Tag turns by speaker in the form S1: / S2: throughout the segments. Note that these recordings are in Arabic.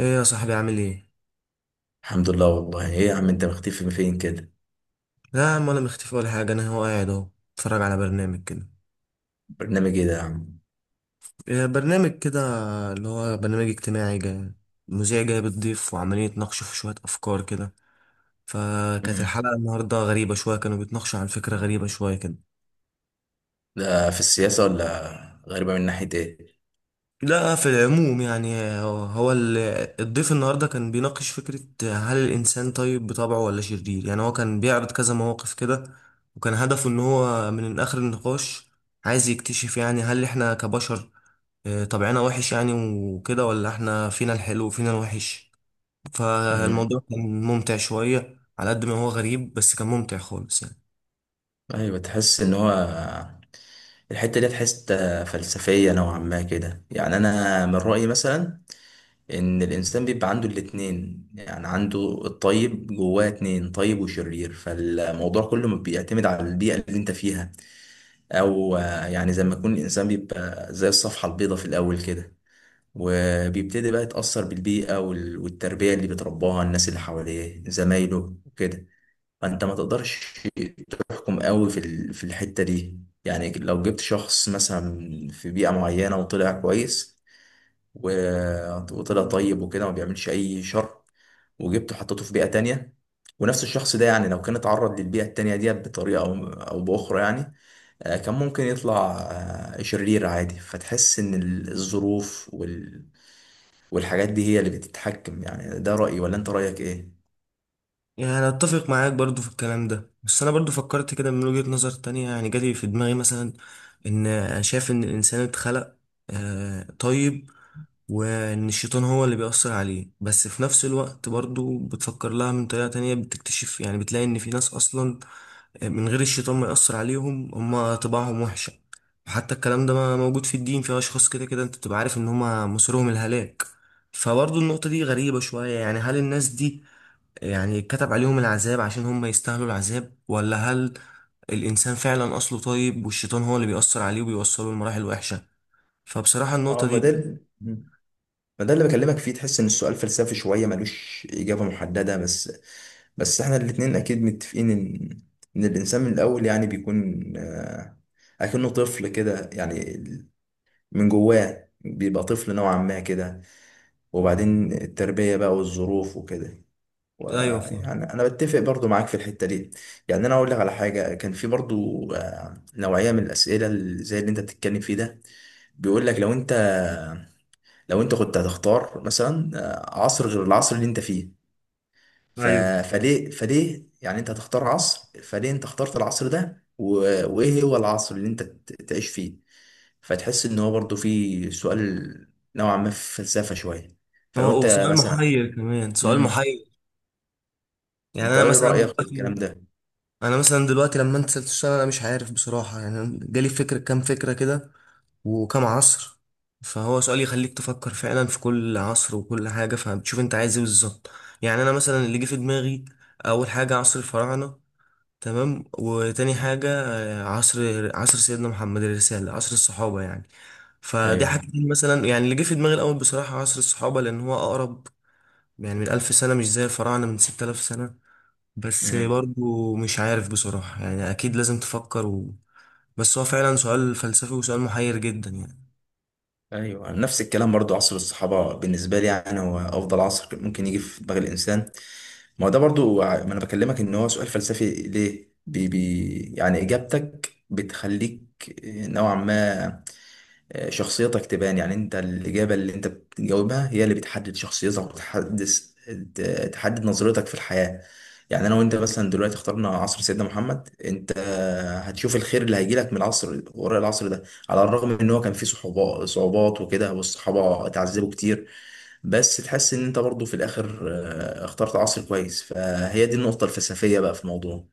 S1: ايه يا صاحبي عامل ايه؟
S2: الحمد لله، والله ايه يا عم، انت مختفي من فين كده؟
S1: لا يا عم، ولا مختفي ولا حاجة. انا هو قاعد اهو اتفرج على برنامج كده.
S2: برنامج ايه ده يا عم؟
S1: إيه برنامج كده اللي هو برنامج اجتماعي جاي، مذيع جاي بتضيف وعمالين يتناقشوا في شوية افكار كده. فكانت
S2: مم.
S1: الحلقة النهاردة غريبة شوية، كانوا بيتناقشوا عن فكرة غريبة شوية كده.
S2: ده في السياسة ولا؟ غريبة من ناحية ايه؟
S1: لا في العموم يعني هو الضيف النهارده كان بيناقش فكرة هل الإنسان طيب بطبعه ولا شرير، يعني هو كان بيعرض كذا مواقف كده. وكان هدفه إن هو من آخر النقاش عايز يكتشف، يعني هل إحنا كبشر طبعنا وحش يعني وكده، ولا إحنا فينا الحلو وفينا الوحش.
S2: مم.
S1: فالموضوع كان ممتع شوية على قد ما هو غريب، بس كان ممتع خالص يعني.
S2: ايوه، تحس ان هو الحتة دي تحس فلسفية نوعا ما كده. يعني انا من رأيي مثلا ان الانسان بيبقى عنده الاتنين، يعني عنده الطيب جواه، اتنين: طيب وشرير، فالموضوع كله بيعتمد على البيئة اللي انت فيها. او يعني زي ما يكون الانسان بيبقى زي الصفحة البيضاء في الاول كده، وبيبتدي بقى يتأثر بالبيئة والتربية اللي بيترباها، الناس اللي حواليه زمايله وكده. فأنت ما تقدرش تحكم قوي في الحتة دي. يعني لو جبت شخص مثلا في بيئة معينة وطلع كويس، وطلع طيب وكده ما بيعملش أي شر، وجبته حطيته في بيئة تانية، ونفس الشخص ده يعني لو كان اتعرض للبيئة التانية دي بطريقة أو بأخرى، يعني كان ممكن يطلع شرير عادي. فتحس إن الظروف والحاجات دي هي اللي بتتحكم. يعني ده رأيي، ولا انت رأيك ايه؟
S1: يعني أنا أتفق معاك برضو في الكلام ده، بس أنا برضو فكرت كده من وجهة نظر تانية، يعني جالي في دماغي مثلا إن أنا شايف إن الإنسان اتخلق طيب، وإن الشيطان هو اللي بيأثر عليه. بس في نفس الوقت برضو بتفكر لها من طريقة تانية بتكتشف، يعني بتلاقي إن في ناس أصلا من غير الشيطان ما يأثر عليهم هما طباعهم وحشة. حتى الكلام ده موجود في الدين، في أشخاص كده كده أنت بتبقى عارف إن هما مصيرهم الهلاك. فبرضو النقطة دي غريبة شوية، يعني هل الناس دي يعني كتب عليهم العذاب عشان هم يستاهلوا العذاب، ولا هل الإنسان فعلا أصله طيب والشيطان هو اللي بيأثر عليه وبيوصله لمراحل وحشة؟ فبصراحة
S2: اه
S1: النقطة
S2: ما ده
S1: دي.
S2: ال- مم. ما ده اللي بكلمك فيه، تحس ان السؤال فلسفي شوية ملوش إجابة محددة، بس احنا الاتنين اكيد متفقين ان الانسان من الاول يعني بيكون اكنه طفل كده، يعني من جواه بيبقى طفل نوعا ما كده، وبعدين التربية بقى والظروف وكده،
S1: أيوه فاهم.
S2: ويعني انا بتفق برضو معاك في الحته دي. يعني انا اقول لك على حاجه: كان في برضو نوعيه من الاسئله اللي زي اللي انت بتتكلم فيه ده، بيقول لك لو انت كنت هتختار مثلا عصر غير العصر اللي انت فيه، ف...
S1: ايوه،
S2: فليه يعني انت هتختار عصر، فليه انت اخترت العصر ده وايه هو العصر اللي انت تعيش فيه؟ فتحس ان هو برضو في سؤال نوعا ما في فلسفه شويه. فلو
S1: هو
S2: انت
S1: وسؤال
S2: مثلا.
S1: محير كمان سؤال
S2: امم
S1: محير. يعني
S2: انت
S1: أنا
S2: ايه
S1: مثلا
S2: رايك في الكلام
S1: دلوقتي
S2: ده؟
S1: أنا مثلا دلوقتي لما أنت سألت السؤال أنا مش عارف بصراحة، يعني أنا جالي فكرة كام فكرة كده وكام عصر. فهو سؤال يخليك تفكر فعلا في كل عصر وكل حاجة، فبتشوف أنت عايز إيه بالظبط. يعني أنا مثلا اللي جه في دماغي أول حاجة عصر الفراعنة، تمام، وتاني حاجة عصر سيدنا محمد، الرسالة، عصر الصحابة يعني. فدي
S2: ايوه.
S1: حاجتين مثلا، يعني اللي جه في دماغي الأول بصراحة عصر الصحابة لأن هو أقرب، يعني من 1000 سنة، مش زي الفراعنة من 6000 سنة. بس
S2: مم.
S1: برضو مش عارف بصراحة، يعني أكيد لازم تفكر و. بس هو فعلا سؤال فلسفي وسؤال محير جدا يعني.
S2: ايوه، نفس الكلام برضو، عصر الصحابه بالنسبه لي يعني هو افضل عصر ممكن يجي في دماغ الانسان. ما هو ده برضو ما انا بكلمك ان هو سؤال فلسفي، ليه؟ بي بي يعني اجابتك بتخليك نوعا ما شخصيتك تبان، يعني انت الإجابة اللي انت بتجاوبها هي اللي بتحدد شخصيتك وتحدد، تحدد نظرتك في الحياة. يعني انا وانت مثلا دلوقتي اخترنا عصر سيدنا محمد، انت هتشوف الخير اللي هيجيلك من العصر وراء العصر ده، على الرغم ان هو كان فيه صعوبات وكده والصحابة اتعذبوا كتير، بس تحس ان انت برضو في الاخر اخترت عصر كويس. فهي دي النقطة الفلسفية بقى في الموضوع.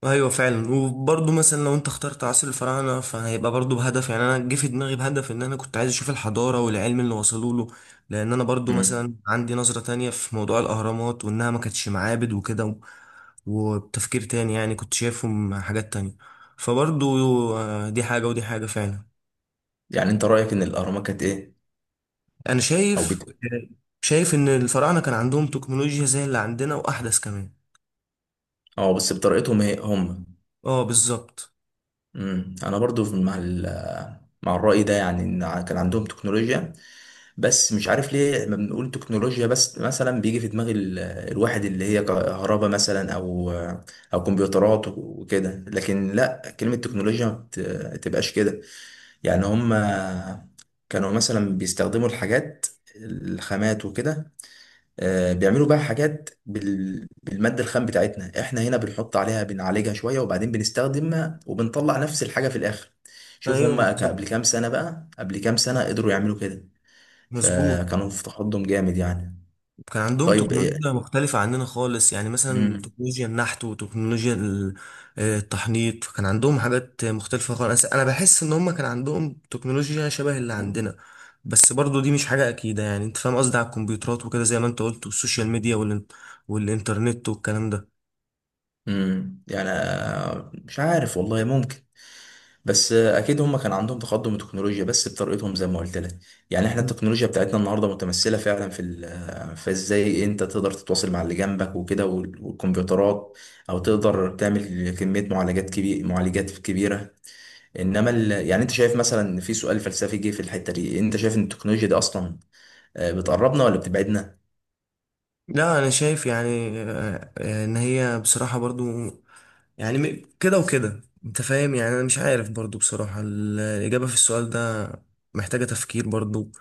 S1: ايوه فعلا، وبرضه مثلا لو انت اخترت عصر الفراعنه فهيبقى برضه بهدف، يعني انا جه في دماغي بهدف ان انا كنت عايز اشوف الحضاره والعلم اللي وصلوا له. لان انا برضه
S2: مم.
S1: مثلا عندي نظره تانية في موضوع الاهرامات، وانها ما كانتش معابد وكده و، وبتفكير تاني يعني كنت شايفهم حاجات تانية. فبرضه دي حاجه ودي حاجه فعلا.
S2: يعني انت رأيك ان الاهرامات كانت ايه؟
S1: انا
S2: او
S1: شايف
S2: بت...
S1: شايف ان الفراعنه كان عندهم تكنولوجيا زي اللي عندنا واحدث كمان.
S2: اه، بس بطريقتهم هي هم.
S1: اه بالظبط.
S2: انا برضو مع الرأي ده، يعني ان كان عندهم تكنولوجيا. بس مش عارف ليه لما بنقول تكنولوجيا بس مثلا بيجي في دماغ الواحد اللي هي كهرباء مثلا، او او كمبيوترات وكده، لكن لا، كلمة تكنولوجيا ما تبقاش كده. يعني هم كانوا مثلا بيستخدموا الحاجات، الخامات وكده، بيعملوا بقى حاجات بالمادة الخام بتاعتنا، احنا هنا بنحط عليها بنعالجها شوية وبعدين بنستخدمها وبنطلع نفس الحاجة في الآخر. شوف
S1: ايوه
S2: هم
S1: بالظبط،
S2: قبل كام سنة قدروا يعملوا كده،
S1: مظبوط.
S2: فكانوا في تقدم جامد يعني.
S1: كان عندهم
S2: طيب
S1: تكنولوجيا
S2: إيه؟
S1: مختلفة عننا خالص، يعني مثلا
S2: مم.
S1: تكنولوجيا النحت وتكنولوجيا التحنيط. كان عندهم حاجات مختلفة خالص، أنا بحس إن هم كان عندهم تكنولوجيا شبه اللي عندنا. بس برضو دي مش حاجة أكيدة، يعني أنت فاهم قصدي، على الكمبيوترات وكده زي ما أنت قلت والسوشيال ميديا والإنترنت والكلام ده.
S2: مم. يعني مش عارف والله، ممكن. بس اكيد هم كان عندهم تقدم تكنولوجيا بس بطريقتهم زي ما قلت لك. يعني احنا التكنولوجيا بتاعتنا النهارده متمثله فعلا في ازاي انت تقدر تتواصل مع اللي جنبك وكده، والكمبيوترات، او تقدر تعمل كميه معالجات كبيره. انما يعني انت شايف مثلا، في سؤال فلسفي جه في الحته دي، انت شايف ان التكنولوجيا دي اصلا بتقربنا ولا بتبعدنا؟
S1: لا أنا شايف يعني إن هي بصراحة برضو، يعني كده وكده انت فاهم، يعني انا مش عارف برضو بصراحة الإجابة في السؤال ده، محتاجة تفكير برضو.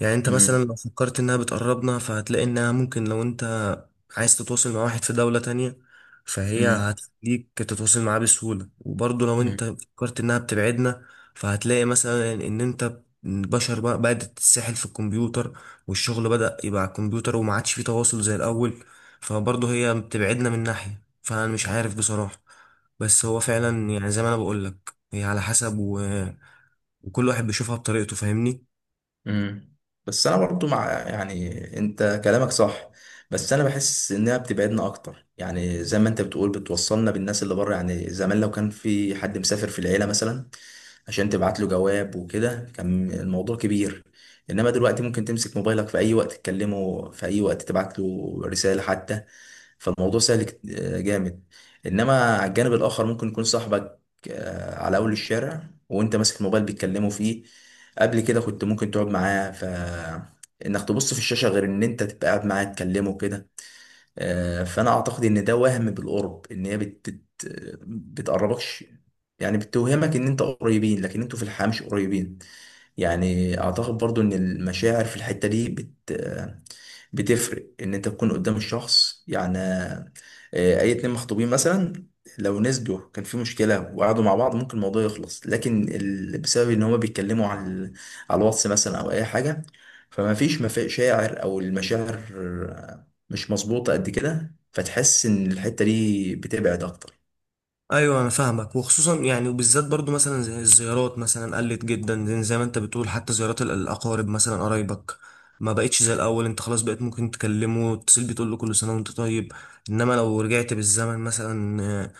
S1: يعني انت مثلا لو فكرت انها بتقربنا فهتلاقي انها ممكن، لو انت عايز تتواصل مع واحد في دولة تانية فهي
S2: امم.
S1: هتخليك تتواصل معاه بسهولة. وبرضو لو انت فكرت انها بتبعدنا فهتلاقي مثلا ان انت البشر بقى بدأت تتسحل في الكمبيوتر، والشغل بدأ يبقى على الكمبيوتر وما عادش فيه تواصل زي الأول. فبرضو هي بتبعدنا من ناحية، فأنا مش عارف بصراحة. بس هو فعلا يعني زي ما انا بقول لك هي على حسب و، وكل واحد بيشوفها بطريقته فاهمني.
S2: امم. بس انا برضو مع، يعني انت كلامك صح، بس انا بحس انها بتبعدنا اكتر. يعني زي ما انت بتقول، بتوصلنا بالناس اللي بره، يعني زمان لو كان في حد مسافر في العيله مثلا عشان تبعت له جواب وكده كان الموضوع كبير، انما دلوقتي ممكن تمسك موبايلك في اي وقت تكلمه، في اي وقت تبعت له رساله حتى، فالموضوع سهل جامد. انما على الجانب الاخر ممكن يكون صاحبك على اول الشارع وانت ماسك الموبايل بتكلمه فيه، قبل كده كنت ممكن تقعد معاه، ف انك تبص في الشاشه غير ان انت تبقى قاعد معاه تكلمه كده. فانا اعتقد ان ده وهم بالقرب، ان هي بتقربكش، يعني بتوهمك ان انت قريبين لكن انتوا في الحقيقه مش قريبين. يعني اعتقد برضو ان المشاعر في الحته دي بتفرق، ان انت تكون قدام الشخص، يعني اي اتنين مخطوبين مثلا لو نسجوا كان في مشكلة وقعدوا مع بعض ممكن الموضوع يخلص، لكن بسبب ان هما بيتكلموا على الواتس مثلا او اي حاجة، فما فيش مشاعر، او المشاعر مش مظبوطة قد كده، فتحس ان الحتة دي بتبعد اكتر.
S1: ايوه انا فاهمك، وخصوصا يعني وبالذات برضو مثلا زي الزيارات مثلا، قلت جدا زي ما انت بتقول، حتى زيارات الاقارب مثلا قرايبك، ما بقتش زي الاول، انت خلاص بقيت ممكن تكلمه وتتصل بيه تقول له كل سنه وانت طيب. انما لو رجعت بالزمن مثلا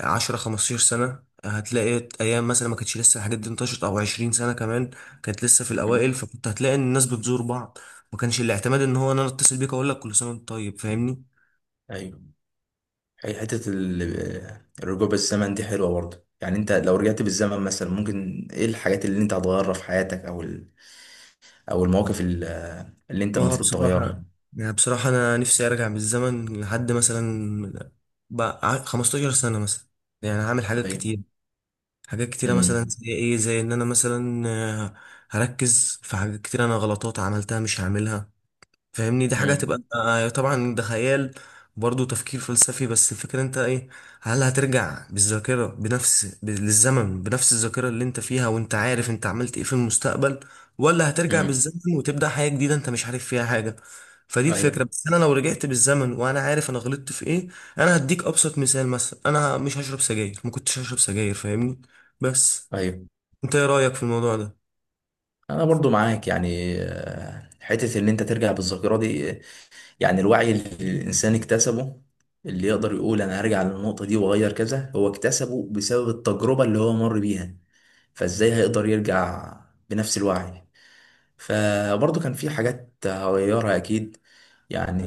S1: 10 15 سنة هتلاقي أيام مثلا ما كانتش لسه الحاجات دي انتشرت، أو 20 سنة كمان كانت لسه في
S2: مم.
S1: الأوائل، فكنت هتلاقي إن الناس بتزور بعض. ما كانش الاعتماد إن هو أنا أتصل بيك أقول لك كل سنة وأنت طيب، فاهمني؟
S2: ايوه، هي حتة الرجوع بالزمن دي حلوة برضه، يعني انت لو رجعت بالزمن مثلا ممكن ايه الحاجات اللي انت هتغيرها في حياتك؟ او، او المواقف اللي انت
S1: اه
S2: المفروض
S1: بصراحة،
S2: تغيرها.
S1: يعني بصراحة أنا نفسي أرجع بالزمن لحد مثلا بقى 15 سنة مثلا، يعني هعمل حاجات
S2: ايوه.
S1: كتير. حاجات كتيرة، مثلا
S2: امم.
S1: زي إيه، زي إن أنا مثلا هركز في حاجات كتير، أنا غلطات عملتها مش هعملها فاهمني. دي حاجة
S2: امم.
S1: هتبقى طبعا ده خيال، برضه تفكير فلسفي. بس الفكرة انت ايه، هل هترجع بالذاكرة بنفس للزمن بنفس الذاكرة اللي انت فيها وانت عارف انت عملت ايه في المستقبل، ولا هترجع
S2: امم.
S1: بالزمن وتبدأ حياة جديدة انت مش عارف فيها حاجة؟ فدي الفكرة.
S2: ايوه.
S1: بس انا لو رجعت بالزمن وانا عارف انا غلطت في ايه، انا هديك ابسط مثال، مثلا انا مش هشرب سجاير، ما كنتش هشرب سجاير فاهمني. بس
S2: ايوه،
S1: انت ايه رأيك في الموضوع ده؟
S2: انا برضو معاك. يعني حته ان انت ترجع بالذاكره دي، يعني الوعي اللي الانسان اكتسبه، اللي يقدر يقول انا هرجع للنقطه دي واغير كذا، هو اكتسبه بسبب التجربه اللي هو مر بيها، فازاي هيقدر يرجع بنفس الوعي. فبرضه كان في حاجات هغيرها اكيد. يعني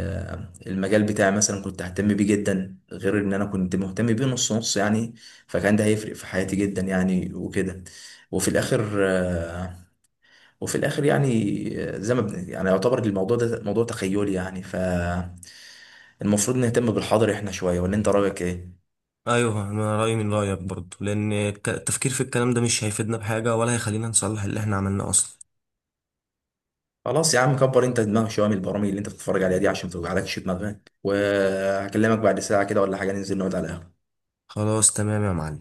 S2: المجال بتاعي مثلا كنت ههتم بيه جدا، غير ان انا كنت مهتم بيه نص نص يعني، فكان ده هيفرق في حياتي جدا يعني وكده. وفي الاخر وفي الاخر يعني زي ما يعني يعتبر الموضوع ده موضوع تخيلي يعني، فالمفروض نهتم بالحاضر احنا شوية، ولا انت رايك ايه؟
S1: ايوه انا رايي من رايك برضه، لان التفكير في الكلام ده مش هيفيدنا بحاجه ولا هيخلينا نصلح اللي احنا عملناه اصلا.
S2: خلاص يا عم، كبر انت دماغك شويه من البرامج اللي انت بتتفرج عليها دي عشان ما توجعلكش دماغك، وهكلمك بعد ساعه كده ولا حاجه، ننزل نقعد على القهوه.
S1: خلاص تمام يا معلم.